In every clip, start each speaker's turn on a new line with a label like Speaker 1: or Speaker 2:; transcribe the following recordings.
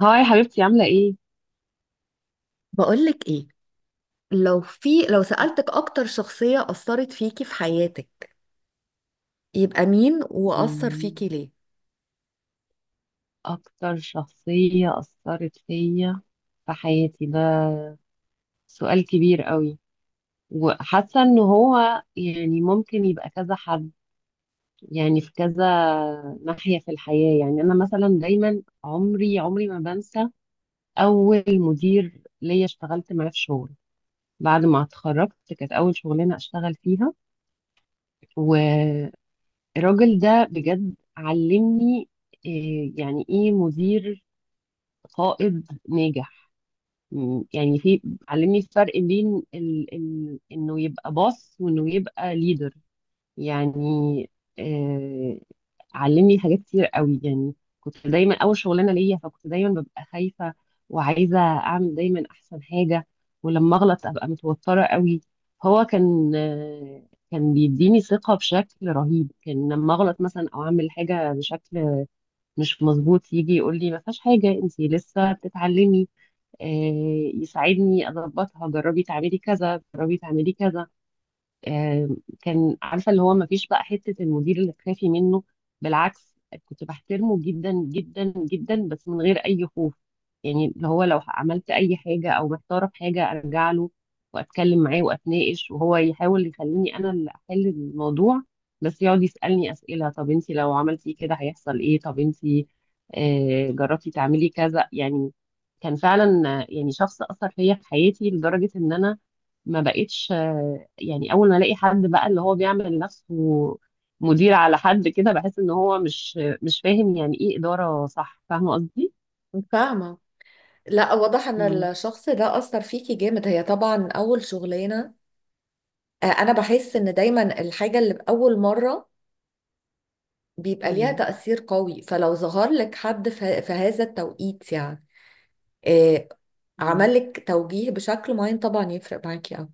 Speaker 1: هاي حبيبتي، عاملة ايه؟
Speaker 2: بقولك ايه، لو سألتك اكتر شخصية أثرت فيكي في حياتك، يبقى مين وأثر فيكي
Speaker 1: مم،
Speaker 2: ليه؟
Speaker 1: أكتر شخصية أثرت فيا في حياتي، ده سؤال كبير قوي. وحاسة إن هو يعني ممكن يبقى كذا حد، يعني في كذا ناحية في الحياة. يعني أنا مثلا دايما عمري عمري ما بنسى أول مدير ليا اشتغلت معاه في شغل بعد ما اتخرجت، كانت أول شغلانة أشتغل فيها. والراجل ده بجد علمني إيه، يعني إيه مدير قائد ناجح. م- يعني في علمني الفرق بين انه يبقى باص وانه يبقى ليدر. يعني آه... علمني حاجات كتير قوي يعني. كنت دايما اول شغلانه ليا، فكنت دايما ببقى خايفه وعايزه اعمل دايما احسن حاجه، ولما اغلط ابقى متوتره قوي. هو كان بيديني ثقه بشكل رهيب. كان لما اغلط مثلا او اعمل حاجه بشكل مش مظبوط، يجي يقول لي ما فيهاش حاجه انت لسه بتتعلمي، آه، يساعدني اضبطها، جربي تعملي كذا جربي تعملي كذا. آه، كان عارفه اللي هو ما فيش بقى حته المدير اللي تخافي منه، بالعكس. كنت بحترمه جدا جدا جدا، بس من غير اي خوف. يعني اللي هو لو عملت اي حاجه او محتاره في حاجه ارجع له واتكلم معاه واتناقش، وهو يحاول يخليني انا اللي احل الموضوع، بس يقعد يسالني اسئله، طب انت لو عملتي كده هيحصل ايه، طب انت جربتي تعملي كذا يعني. كان فعلا يعني شخص اثر فيا في حياتي، لدرجه ان انا ما بقتش يعني اول ما الاقي حد بقى اللي هو بيعمل نفسه مدير على حد كده بحس ان هو مش فاهم يعني ايه اداره، صح؟ فاهمه قصدي.
Speaker 2: فاهمة. لا، واضح ان
Speaker 1: مم.
Speaker 2: الشخص ده اثر فيكي جامد. هي طبعا اول شغلانة. انا بحس ان دايما الحاجة اللي باول مرة بيبقى ليها
Speaker 1: مم.
Speaker 2: تأثير قوي. فلو ظهر لك حد في هذا التوقيت، يعني آه، عمل
Speaker 1: مم.
Speaker 2: لك توجيه بشكل معين، طبعا يفرق معاكي قوي.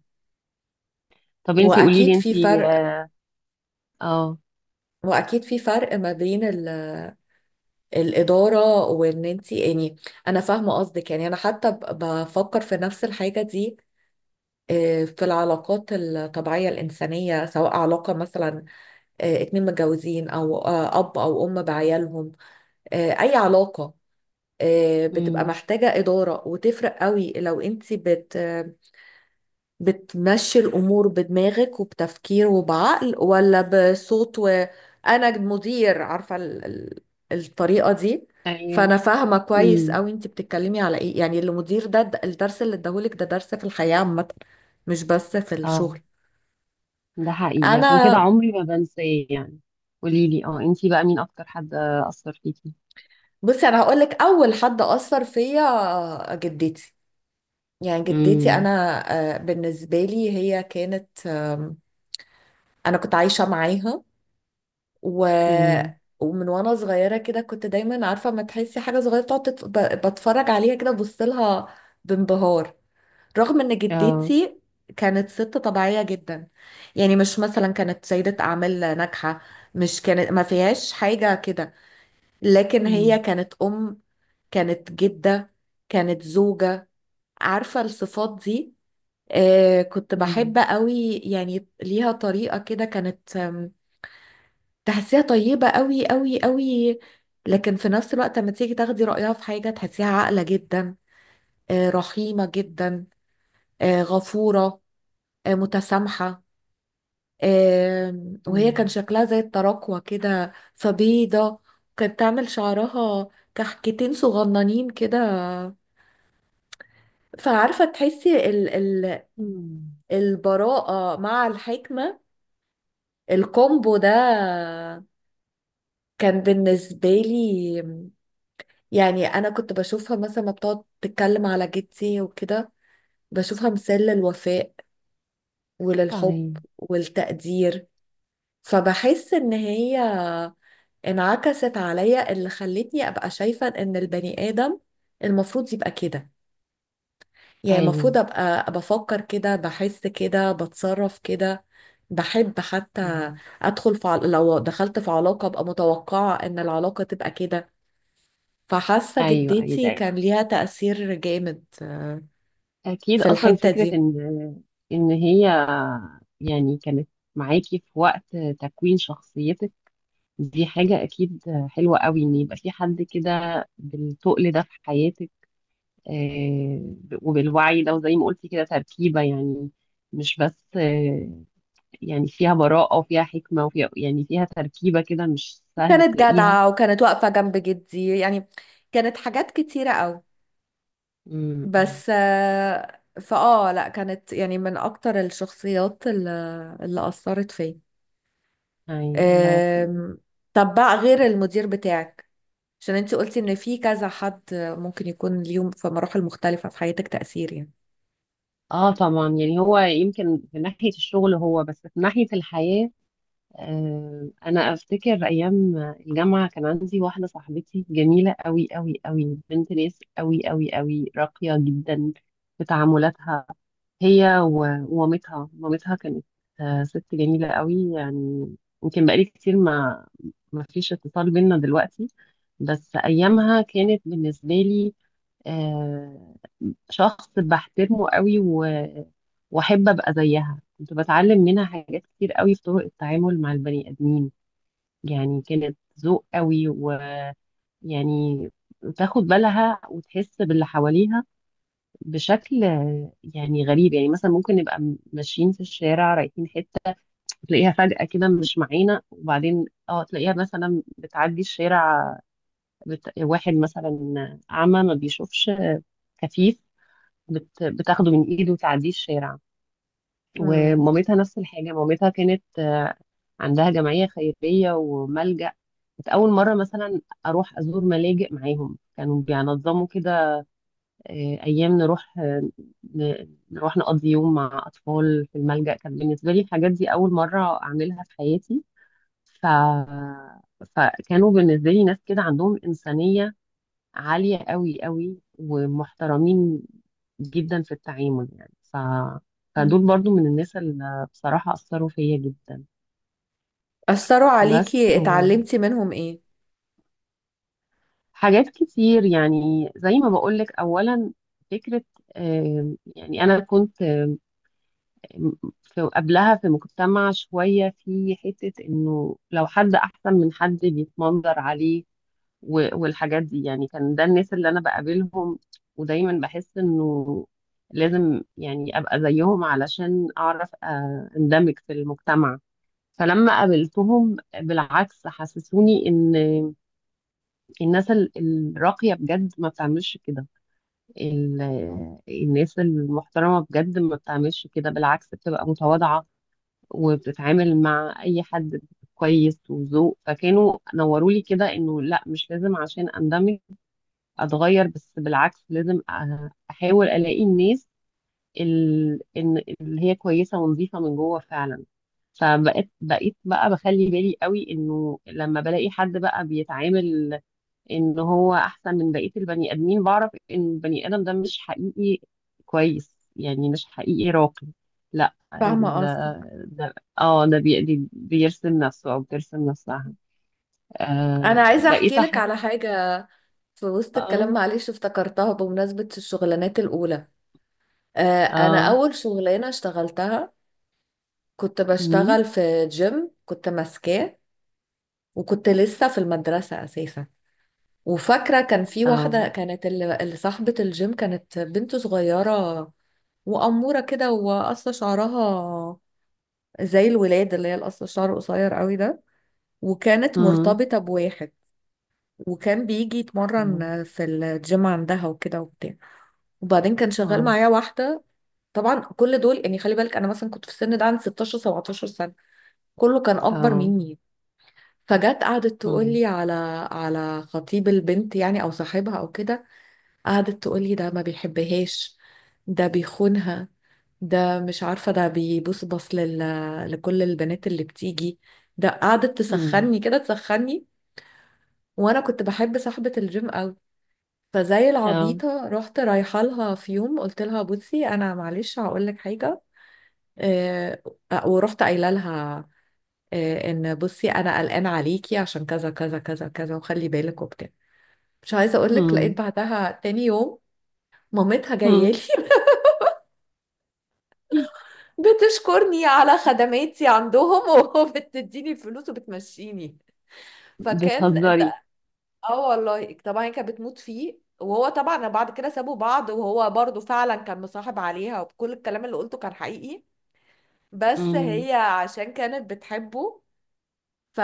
Speaker 1: طب انتي قولي
Speaker 2: واكيد
Speaker 1: لي،
Speaker 2: في
Speaker 1: انتي
Speaker 2: فرق.
Speaker 1: اه آه.
Speaker 2: ما بين الإدارة، وإن أنت يعني، أنا فاهمة قصدك. يعني أنا حتى بفكر في نفس الحاجة دي. في العلاقات الطبيعية الإنسانية، سواء علاقة مثلا اتنين متجوزين، أو أب أو أم بعيالهم، أي علاقة بتبقى
Speaker 1: مم.
Speaker 2: محتاجة إدارة. وتفرق قوي لو أنت بتمشي الأمور بدماغك وبتفكير وبعقل، ولا بصوت وأنا مدير. عارفة الطريقة دي. فأنا
Speaker 1: ايوه.
Speaker 2: فاهمة كويس
Speaker 1: مم.
Speaker 2: أوي أنت بتتكلمي على إيه. يعني المدير ده، الدرس اللي اداهولك ده درس في الحياة عامة، مش بس في الشغل.
Speaker 1: اه، ده حقيقي، عشان كده
Speaker 2: أنا
Speaker 1: عمري ما بنساه يعني. قولي لي، انتي بقى مين اكتر حد اثر فيكي.
Speaker 2: بصي، أنا هقولك أول حد أثر فيا جدتي. يعني جدتي
Speaker 1: امم.
Speaker 2: أنا بالنسبة لي هي كانت أنا كنت عايشة معاها، و...
Speaker 1: امم.
Speaker 2: ومن وانا صغيره كده كنت دايما عارفه، ما تحسي حاجه صغيره تقعد بتفرج عليها كده، ببص لها بانبهار. رغم ان
Speaker 1: اه.
Speaker 2: جدتي كانت ست طبيعيه جدا، يعني مش مثلا كانت سيده اعمال ناجحه، مش كانت، ما فيهاش حاجه كده. لكن هي
Speaker 1: امم.
Speaker 2: كانت ام، كانت جده، كانت زوجه. عارفه الصفات دي. آه كنت بحب
Speaker 1: امم.
Speaker 2: قوي يعني، ليها طريقه كده، كانت تحسيها طيبة قوي قوي قوي. لكن في نفس الوقت لما تيجي تاخدي رأيها في حاجة تحسيها عاقلة جدا، رحيمة جدا، غفورة، متسامحة. وهي كان شكلها زي التراكوة كده، فبيضة. كانت تعمل شعرها كحكتين صغننين كده. فعارفة تحسي ال
Speaker 1: امم.
Speaker 2: البراءة مع الحكمة، الكومبو ده كان بالنسبة لي يعني. انا كنت بشوفها مثلا ما بتقعد تتكلم على جدتي وكده، بشوفها مثال للوفاء وللحب
Speaker 1: تمام.
Speaker 2: والتقدير. فبحس ان هي انعكست عليا، اللي خلتني ابقى شايفة ان البني ادم المفروض يبقى كده. يعني
Speaker 1: ايوه.
Speaker 2: المفروض ابقى بفكر كده، بحس كده، بتصرف كده، بحب حتى.
Speaker 1: مم.
Speaker 2: ادخل في لو دخلت في علاقة ابقى متوقعة ان العلاقة تبقى كده. فحاسة
Speaker 1: ايوه، ايوه،
Speaker 2: جدتي كان
Speaker 1: أيوة.
Speaker 2: ليها تأثير جامد
Speaker 1: اكيد،
Speaker 2: في
Speaker 1: اصلا
Speaker 2: الحتة
Speaker 1: فكره
Speaker 2: دي.
Speaker 1: ان هي يعني كانت معاكي في وقت تكوين شخصيتك، دي حاجه اكيد حلوه قوي ان يبقى في حد كده بالتقل ده في حياتك، آه، وبالوعي ده، وزي ما قلتي كده تركيبه، يعني مش بس يعني فيها براءه وفيها حكمه وفيها يعني فيها تركيبه كده مش سهل
Speaker 2: كانت
Speaker 1: تلاقيها.
Speaker 2: جدعة، وكانت واقفة جنب جدي يعني. كانت حاجات كتيرة قوي.
Speaker 1: امم.
Speaker 2: بس آه، فآه لا، كانت يعني من أكتر الشخصيات اللي أثرت فيا.
Speaker 1: ايوه، الله.
Speaker 2: آم، طب بقى غير المدير بتاعك، عشان انتي قلتي ان في كذا حد ممكن يكون ليهم في مراحل مختلفة في حياتك تأثير يعني.
Speaker 1: اه، طبعا، يعني هو يمكن في ناحية الشغل، هو بس في ناحية الحياة انا افتكر ايام الجامعة كان عندي واحدة صاحبتي جميلة قوي قوي قوي، بنت ناس قوي قوي قوي، راقية جدا في تعاملاتها. هي ومامتها، مامتها كانت ست جميلة قوي يعني. يمكن بقالي كتير ما فيش اتصال بينا دلوقتي، بس ايامها كانت بالنسبة لي آه، شخص بحترمه قوي و... واحب ابقى زيها. كنت بتعلم منها حاجات كتير قوي في طرق التعامل مع البني ادمين، يعني كانت ذوق قوي، ويعني تاخد بالها وتحس باللي حواليها بشكل يعني غريب. يعني مثلا ممكن نبقى ماشيين في الشارع رايحين حته، تلاقيها فجأة كده مش معانا، وبعدين تلاقيها مثلا بتعدي الشارع، واحد مثلا أعمى ما بيشوفش، كفيف، بتاخده من ايده وتعديه الشارع.
Speaker 2: مم.
Speaker 1: ومامتها نفس الحاجة، مامتها كانت عندها جمعية خيرية وملجأ. كنت أول مرة مثلا أروح أزور ملاجئ معاهم، كانوا بينظموا كده أيام نروح نقضي يوم مع أطفال في الملجأ. كان بالنسبة لي الحاجات دي أول مرة أعملها في حياتي، ف... فكانوا بالنسبة لي ناس كده عندهم إنسانية عالية قوي قوي ومحترمين جدا في التعامل، يعني ف... فدول
Speaker 2: مم.
Speaker 1: برضو من الناس اللي بصراحة أثروا فيا جدا.
Speaker 2: أثروا
Speaker 1: بس
Speaker 2: عليكي، اتعلمتي منهم ايه؟
Speaker 1: حاجات كتير، يعني زي ما بقولك. أولا فكرة، يعني أنا كنت آم، في قبلها في مجتمع شوية، في حتة إنه لو حد أحسن من حد بيتمنظر عليه و- والحاجات دي، يعني كان ده الناس اللي انا بقابلهم، ودايما بحس انه لازم يعني ابقى زيهم علشان اعرف اندمج في المجتمع. فلما قابلتهم، بالعكس، حسسوني ان الناس الراقية بجد ما بتعملش كده، ال- الناس المحترمة بجد ما بتعملش كده، بالعكس، بتبقى متواضعة وبتتعامل مع اي حد كويس وذوق. فكانوا نوروا لي كده انه لا، مش لازم عشان اندمج اتغير، بس بالعكس لازم احاول الاقي الناس اللي هي كويسه ونظيفه من جوه فعلا. فبقيت بقى بخلي بالي قوي انه لما بلاقي حد بقى بيتعامل ان هو احسن من بقيه البني ادمين، بعرف ان البني ادم ده مش حقيقي كويس، يعني مش حقيقي راقي. لا،
Speaker 2: فاهمة قصدك.
Speaker 1: ده، اه، ده بيرسم نفسه او بترسم نفسها.
Speaker 2: انا
Speaker 1: آه،
Speaker 2: عايزه
Speaker 1: بقيت
Speaker 2: احكي لك
Speaker 1: احب.
Speaker 2: على حاجه في وسط الكلام،
Speaker 1: اه.
Speaker 2: معلش افتكرتها بمناسبه الشغلانات الاولى. انا
Speaker 1: اه.
Speaker 2: اول شغلانه اشتغلتها كنت
Speaker 1: مم.
Speaker 2: بشتغل في جيم، كنت ماسكاه. وكنت لسه في المدرسه اساسا. وفاكره كان في
Speaker 1: اه.
Speaker 2: واحده كانت، اللي صاحبه الجيم، كانت بنت صغيره، واموره كده، وقصه شعرها زي الولاد، اللي هي القصه الشعر قصير قوي ده. وكانت مرتبطه بواحد، وكان بيجي يتمرن في الجيم عندها وكده وبتاع. وبعدين كان شغال معايا واحدة. طبعا كل دول يعني، خلي بالك، انا مثلا كنت في السن ده عندي 16 17 سنة، كله كان اكبر مني. فجت قعدت تقول لي على على خطيب البنت يعني، او صاحبها او كده. قعدت تقول لي ده ما بيحبهاش، ده بيخونها، ده مش عارفة، ده بيبص لكل البنات اللي بتيجي. ده قعدت
Speaker 1: 嗯嗯嗯嗯嗯嗯嗯嗯嗯，بتهزري؟
Speaker 2: تسخني كده تسخني. وانا كنت بحب صاحبة الجيم قوي. فزي العبيطة رحت رايحة لها في يوم، قلت لها بصي، أنا معلش هقول لك حاجة. آه، ورحت قايلة لها إن بصي، أنا قلقانة عليكي عشان كذا كذا كذا كذا، وخلي بالك وبتاع. مش عايزة أقول لك، لقيت بعدها تاني يوم مامتها جاية لي بتشكرني على خدماتي عندهم وبتديني فلوس وبتمشيني. فكان ده. اه والله، طبعا هي كانت بتموت فيه، وهو طبعا بعد كده سابوا بعض، وهو برضو فعلا كان مصاحب عليها، وكل الكلام اللي قلته كان حقيقي، بس
Speaker 1: امم.
Speaker 2: هي عشان كانت بتحبه ف...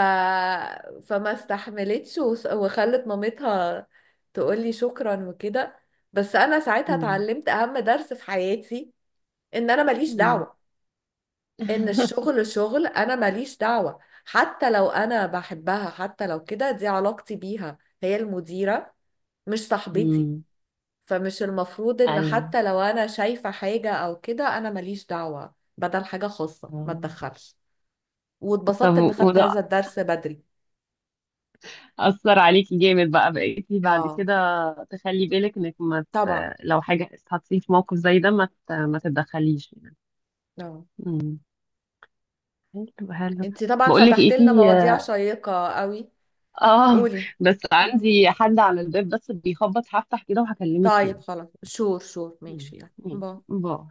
Speaker 2: فما استحملتش، وخلت مامتها تقولي شكرا وكده. بس انا ساعتها
Speaker 1: امم.
Speaker 2: اتعلمت اهم درس في حياتي، ان انا ماليش
Speaker 1: امم.
Speaker 2: دعوة. ان الشغل شغل، انا ماليش دعوة. حتى لو انا بحبها، حتى لو كده، دي علاقتي بيها. هي المديرة، مش صاحبتي.
Speaker 1: امم.
Speaker 2: فمش المفروض ان
Speaker 1: ايوه.
Speaker 2: حتى لو انا شايفة حاجة او كده، انا ماليش دعوة. بدل حاجة خاصة ما
Speaker 1: آه.
Speaker 2: تدخلش.
Speaker 1: طب
Speaker 2: واتبسطت ان خدت
Speaker 1: وده
Speaker 2: هذا الدرس بدري.
Speaker 1: أثر عليكي جامد بقى بقيتي بعد
Speaker 2: اه
Speaker 1: كده تخلي بالك انك ما ت...
Speaker 2: طبعا.
Speaker 1: لو حاجة اتحطيتي في موقف زي ده ما تتدخليش يعني.
Speaker 2: اه.
Speaker 1: امم. حلو حلو.
Speaker 2: انتي طبعا
Speaker 1: بقول لك ايه،
Speaker 2: فتحت لنا
Speaker 1: في
Speaker 2: مواضيع شيقة قوي.
Speaker 1: اه
Speaker 2: قولي.
Speaker 1: بس
Speaker 2: مم.
Speaker 1: عندي حد على الباب، بس بيخبط، هفتح كده وهكلمك
Speaker 2: طيب
Speaker 1: تاني.
Speaker 2: خلاص، شور شور،
Speaker 1: مم.
Speaker 2: ماشي، يلا باي.
Speaker 1: ماشي، باي.